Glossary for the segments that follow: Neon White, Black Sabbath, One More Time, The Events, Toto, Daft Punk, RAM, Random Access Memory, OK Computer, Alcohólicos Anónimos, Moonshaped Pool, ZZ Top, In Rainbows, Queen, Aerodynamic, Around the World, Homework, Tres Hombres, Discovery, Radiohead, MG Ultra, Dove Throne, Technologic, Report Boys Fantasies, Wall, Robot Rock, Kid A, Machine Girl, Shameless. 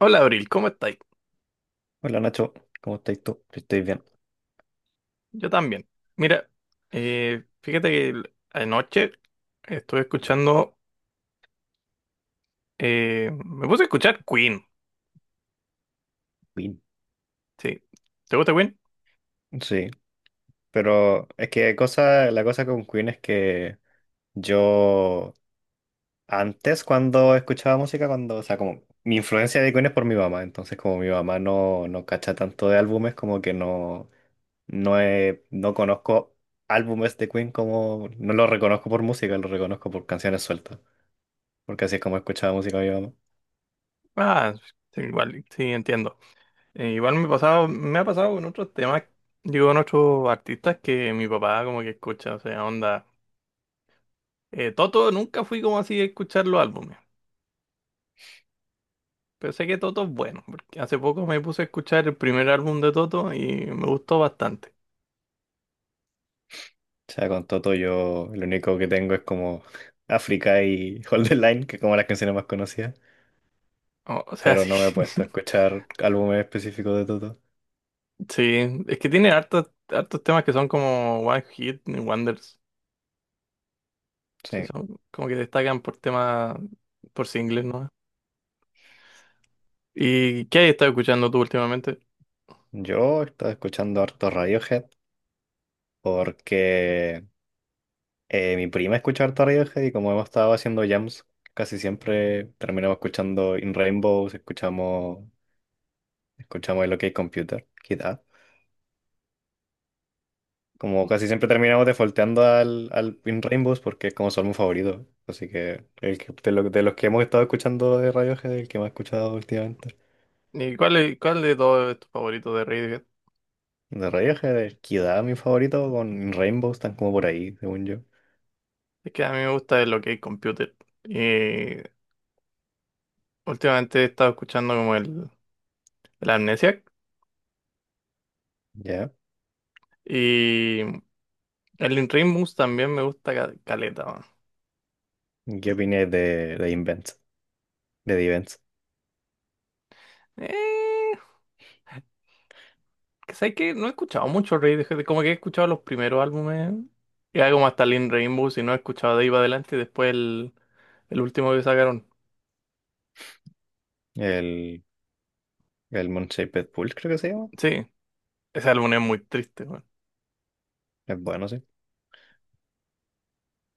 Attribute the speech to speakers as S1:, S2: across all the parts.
S1: Hola Abril, ¿cómo estáis?
S2: Hola Nacho, ¿cómo estás tú? Yo estoy bien.
S1: Yo también. Mira, fíjate que anoche estuve escuchando, me puse a escuchar Queen,
S2: Bien.
S1: sí. ¿Te gusta Queen?
S2: Sí, pero es que cosa, la cosa con Queen es que yo antes cuando escuchaba música, cuando, o sea, como mi influencia de Queen es por mi mamá, entonces como mi mamá no, no cacha tanto de álbumes, como que no, no, no conozco álbumes de Queen como, no los reconozco por música, los reconozco por canciones sueltas. Porque así es como escuchaba música mi mamá. O
S1: Ah, sí, igual, sí, entiendo. Igual me ha pasado con otros temas, digo, con otros artistas que mi papá como que escucha, o sea, onda. Toto nunca fui como así a escuchar los álbumes, pero sé que Toto es bueno, porque hace poco me puse a escuchar el primer álbum de Toto y me gustó bastante.
S2: sea, con Toto yo lo único que tengo es como África y Hold the Line, que es como las canciones más conocidas,
S1: O sea,
S2: pero no me he
S1: sí.
S2: puesto a escuchar álbumes específicos de Toto.
S1: Sí, es que tiene hartos temas que son como One Hit Wonders. Sí,
S2: Sí,
S1: son como que destacan por temas, por singles, ¿no? ¿Y qué has estado escuchando tú últimamente?
S2: yo estaba escuchando harto Radiohead porque mi prima escucha harto Radiohead y como hemos estado haciendo jams, casi siempre terminamos escuchando In Rainbows, escuchamos el OK Computer, Kid A. Como casi siempre terminamos defaulteando al In Rainbows porque es como son mis favorito, así que, el que- de, lo- de los que hemos estado escuchando de Radiohead, el que más he escuchado últimamente.
S1: Y cuál, ¿cuál de todos es tu favorito de Radiohead?
S2: De Radiohead, el Kid A, mi favorito, con In Rainbows, están como por ahí, según yo.
S1: Es que a mí me gusta lo que es Computer. Y últimamente he estado escuchando como el Amnesiac.
S2: ¿Ya?
S1: Y el In Rainbows también me gusta caleta,
S2: ¿Qué opinas de Invent? De The Events.
S1: weón. ¿Sabes que no he escuchado mucho Radiohead? Como que he escuchado los primeros álbumes, y algo más Talin Rainbow, si no he escuchado de ahí para adelante, y después el último que sacaron.
S2: El, el Moonshaped Pool, creo que se llama.
S1: Sí, ese álbum es muy triste, weón.
S2: Es bueno, sí.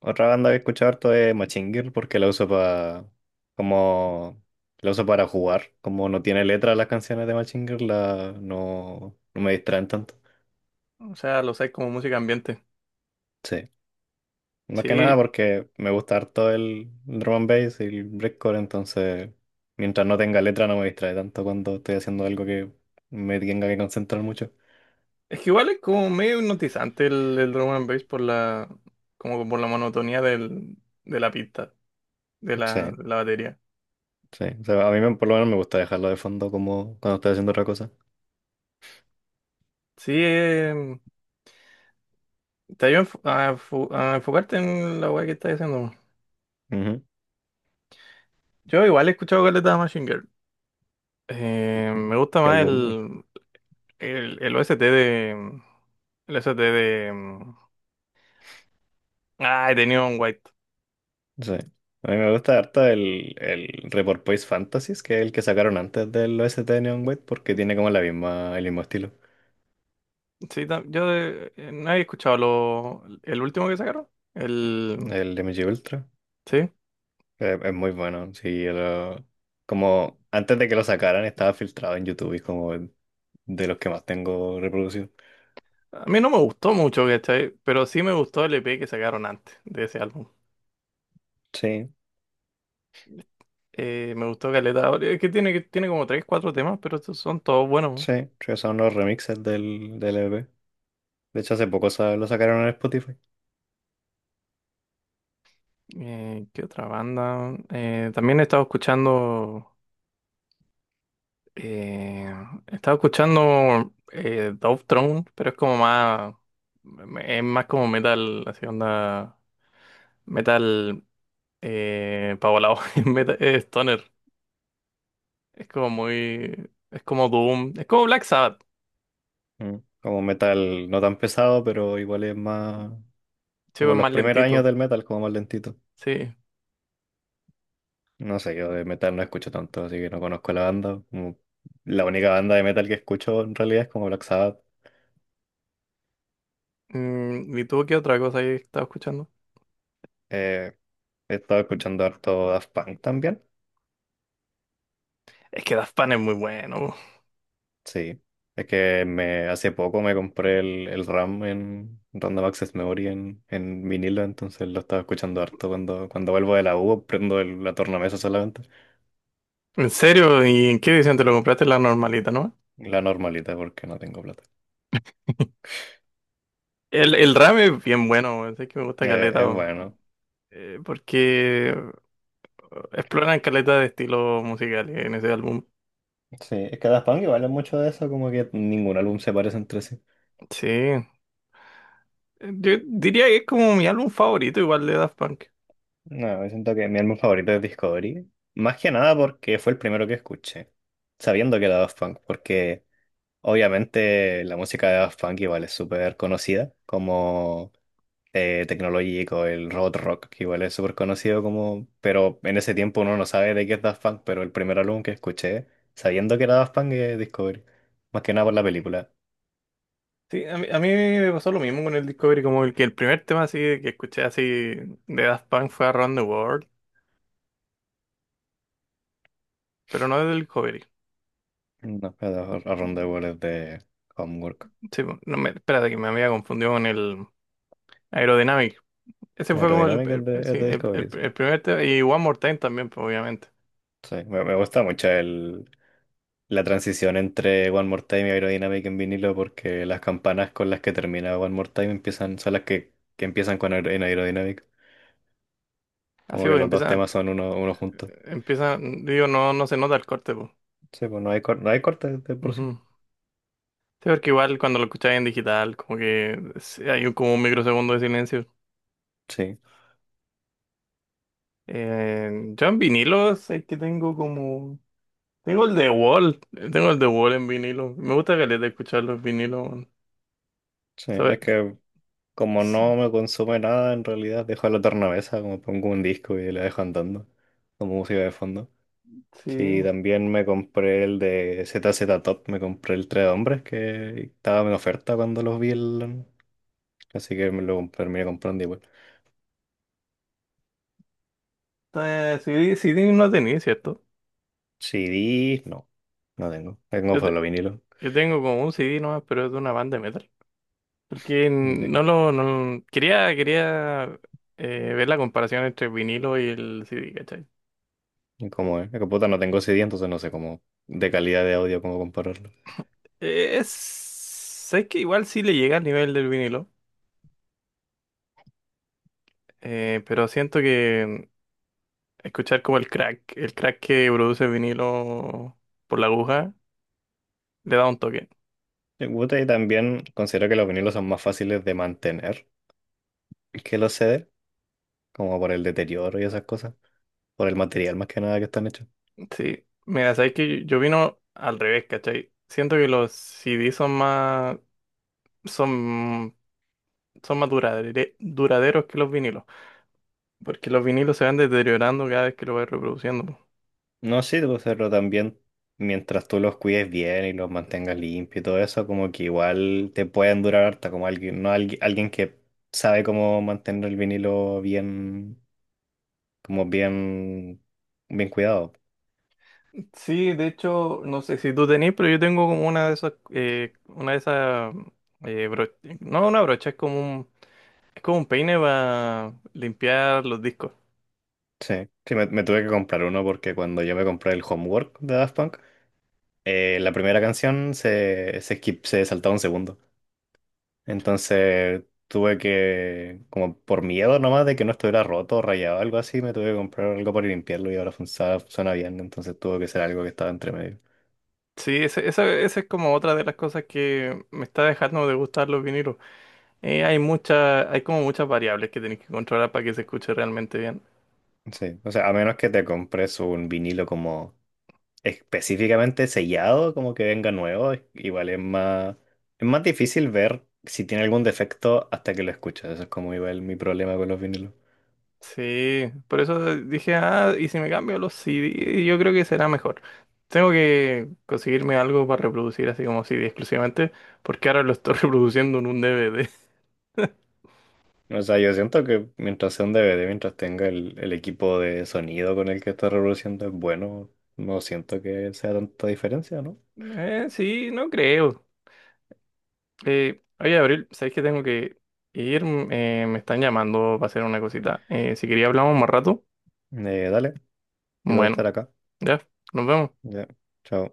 S2: Otra banda que he escuchado harto es Machine Girl porque la uso para como la uso para jugar. Como no tiene letra las canciones de Machine Girl, no, no me distraen tanto.
S1: O sea, lo sé como música ambiente.
S2: Sí. Más que
S1: Sí,
S2: nada porque me gusta harto el drum and bass y el breakcore, entonces mientras no tenga letra no me distrae tanto cuando estoy haciendo algo que me tenga que concentrar mucho.
S1: es que igual es como medio hipnotizante el drum and bass por como por la monotonía de la pista, de
S2: Sí,
S1: de la batería.
S2: sí. O sea, a mí por lo menos me gusta dejarlo de fondo como cuando estoy haciendo otra cosa.
S1: Sí, te ayuda a, a enfocarte en la weá que estás haciendo.
S2: Ujú.
S1: Yo igual he escuchado Caleta de Machine Girl.
S2: ¿Qué,
S1: Me gusta
S2: qué
S1: más
S2: álbum?
S1: el OST de. El OST de. Ah, he tenido un White.
S2: Sí. A mí me gusta harto el Report Boys Fantasies, que es el que sacaron antes del OST de Neon White, porque tiene como la misma, el mismo estilo.
S1: Sí, no había escuchado el último que sacaron. El.
S2: El MG Ultra.
S1: Sí.
S2: Es muy bueno. Sí, como antes de que lo sacaran estaba filtrado en YouTube y es como de los que más tengo reproducido.
S1: A mí no me gustó mucho, ¿cachai? Pero sí me gustó el EP que sacaron antes de ese álbum.
S2: Sí,
S1: Me gustó Caleta. Ahora, es que que tiene como 3 4 temas, pero estos son todos buenos.
S2: sí, sí, son los remixes del EP. De hecho, hace poco lo sacaron en Spotify.
S1: ¿Qué otra banda? También he estado escuchando. Eh, estaba escuchando Dove Throne, pero es como más. Es más como metal, así onda. Metal. Pavolao, metal, stoner. Es como muy. Es como Doom. Es como Black Sabbath.
S2: Mm. Como metal no tan pesado, pero igual es más
S1: Sí,
S2: como
S1: es
S2: los
S1: más
S2: primeros años
S1: lentito.
S2: del metal, como más lentito.
S1: Sí.
S2: No sé, yo de metal no escucho tanto, así que no conozco la banda. Como la única banda de metal que escucho en realidad es como Black Sabbath.
S1: Mm, ¿y tú qué otra cosa ahí estaba escuchando?
S2: Eh, he estado escuchando harto Daft Punk también.
S1: Es que Daft Punk es muy bueno.
S2: Sí. Es que hace poco me compré el RAM en Random Access Memory en vinilo, entonces lo estaba escuchando harto cuando vuelvo de la U, prendo la tornamesa solamente.
S1: ¿En serio? ¿Y en qué edición te lo compraste? La normalita, ¿no?
S2: La normalita porque no tengo plata.
S1: El RAM es bien bueno, weón, sé que me gusta
S2: Eh,
S1: caleta,
S2: es
S1: weón.
S2: bueno.
S1: Porque exploran caleta de estilos musicales en ese álbum.
S2: Sí, es que Daft Punk igual es mucho de eso, como que ningún álbum se parece entre sí.
S1: Sí. Yo diría que es como mi álbum favorito igual de Daft Punk.
S2: No, yo siento que mi álbum favorito es Discovery. Más que nada porque fue el primero que escuché, sabiendo que era Daft Punk, porque obviamente la música de Daft Punk igual es súper conocida, como Technologic o el Robot Rock, que igual es súper conocido como, pero en ese tiempo uno no sabe de qué es Daft Punk, pero el primer álbum que escuché, sabiendo que era Daft Punk, es Discovery. Más que nada por la película.
S1: Sí, a mí me pasó lo mismo con el Discovery, como el primer tema así que escuché así de Daft Punk fue Around the World, pero no del Discovery.
S2: No, pero Around the World es de Homework.
S1: Sí, no me, espérate que me había confundido con el Aerodynamic. Ese fue como
S2: Aerodinámica
S1: sí,
S2: es de Discovery, sí.
S1: el primer tema y One More Time también, pues, obviamente.
S2: Sí, me gusta mucho la transición entre One More Time y Aerodynamic en vinilo porque las campanas con las que termina One More Time empiezan, son las que empiezan con en Aerodynamic.
S1: Así
S2: Como que
S1: pues
S2: los dos
S1: empieza,
S2: temas son uno juntos.
S1: empieza, digo, no, no se nota el corte,
S2: Sí, pues no hay corte de
S1: pues.
S2: por sí.
S1: Sí, porque igual cuando lo escucháis en digital, como que sí, hay como un microsegundo de silencio.
S2: Sí,
S1: Eh, yo en vinilos es que tengo como... Tengo el de Wall, tengo el de Wall en vinilo. Me gusta caleta escuchar los vinilos, weón.
S2: sí, es
S1: ¿Sabes?
S2: que como
S1: S-
S2: no me consume nada, en realidad dejo la tornavesa, como pongo un disco y la dejo andando como música de fondo. Sí,
S1: Sí,
S2: también me compré el de ZZ Top, me compré el Tres Hombres que estaba en oferta cuando los vi, así que me lo terminé comprando igual.
S1: CD no tenía, ¿cierto?
S2: CDs, no, no tengo. Tengo
S1: Yo, te-
S2: solo vinilo.
S1: yo tengo como un CD nomás, pero es de una banda de metal. Porque
S2: ¿De
S1: no
S2: qué?
S1: lo... No, quería ver la comparación entre el vinilo y el CD, ¿cachai?
S2: ¿Cómo es? Es que puta, no tengo CD, entonces no sé cómo de calidad de audio, cómo compararlo.
S1: Es... Sé que igual sí le llega al nivel del vinilo, pero siento que escuchar como el crack que produce el vinilo por la aguja, le da un toque.
S2: Me gusta y también considero que los vinilos son más fáciles de mantener que los CD, como por el deterioro y esas cosas, por el material más que nada que están hechos.
S1: Sí, mira, sabes que yo vino al revés, ¿cachai? Siento que los CD son más, son, son más duraderos que los vinilos, porque los vinilos se van deteriorando cada vez que lo vas reproduciendo.
S2: No, sí, pues, pero también mientras tú los cuides bien y los mantengas limpios y todo eso, como que igual te pueden durar harta, como alguien, no alguien, alguien que sabe cómo mantener el vinilo bien como bien, bien cuidado.
S1: Sí, de hecho, no sé si tú tenés, pero yo tengo como una de esas, eh, bro- no una brocha, es como un peine para limpiar los discos.
S2: Sí, sí, me tuve que comprar uno porque cuando yo me compré el Homework de Daft Punk, la primera canción se saltaba un segundo. Entonces tuve que, como por miedo nomás de que no estuviera roto o rayado o algo así, me tuve que comprar algo para limpiarlo y ahora funciona, suena bien. Entonces tuvo que ser algo que estaba entre medio.
S1: Sí, esa es como otra de las cosas que me está dejando de gustar los vinilos. Hay como muchas variables que tenés que controlar para que se escuche realmente bien.
S2: Sí, o sea, a menos que te compres un vinilo como específicamente sellado, como que venga nuevo, igual es más difícil ver si tiene algún defecto hasta que lo escuchas. Eso es como igual mi problema con los vinilos.
S1: Sí, por eso dije, ah, y si me cambio a los CD, yo creo que será mejor. Tengo que conseguirme algo para reproducir así como CD exclusivamente, porque ahora lo estoy reproduciendo en un DVD.
S2: O sea, yo siento que mientras sea un DVD, mientras tenga el equipo de sonido con el que está reproduciendo es bueno, no siento que sea tanta diferencia, ¿no?
S1: Sí, no creo. Oye, Abril, ¿sabes que tengo que ir? Mm, me están llamando para hacer una cosita. Si quería hablamos más rato,
S2: Dale, yo voy a
S1: bueno,
S2: estar acá.
S1: ya, nos vemos.
S2: Ya, chao.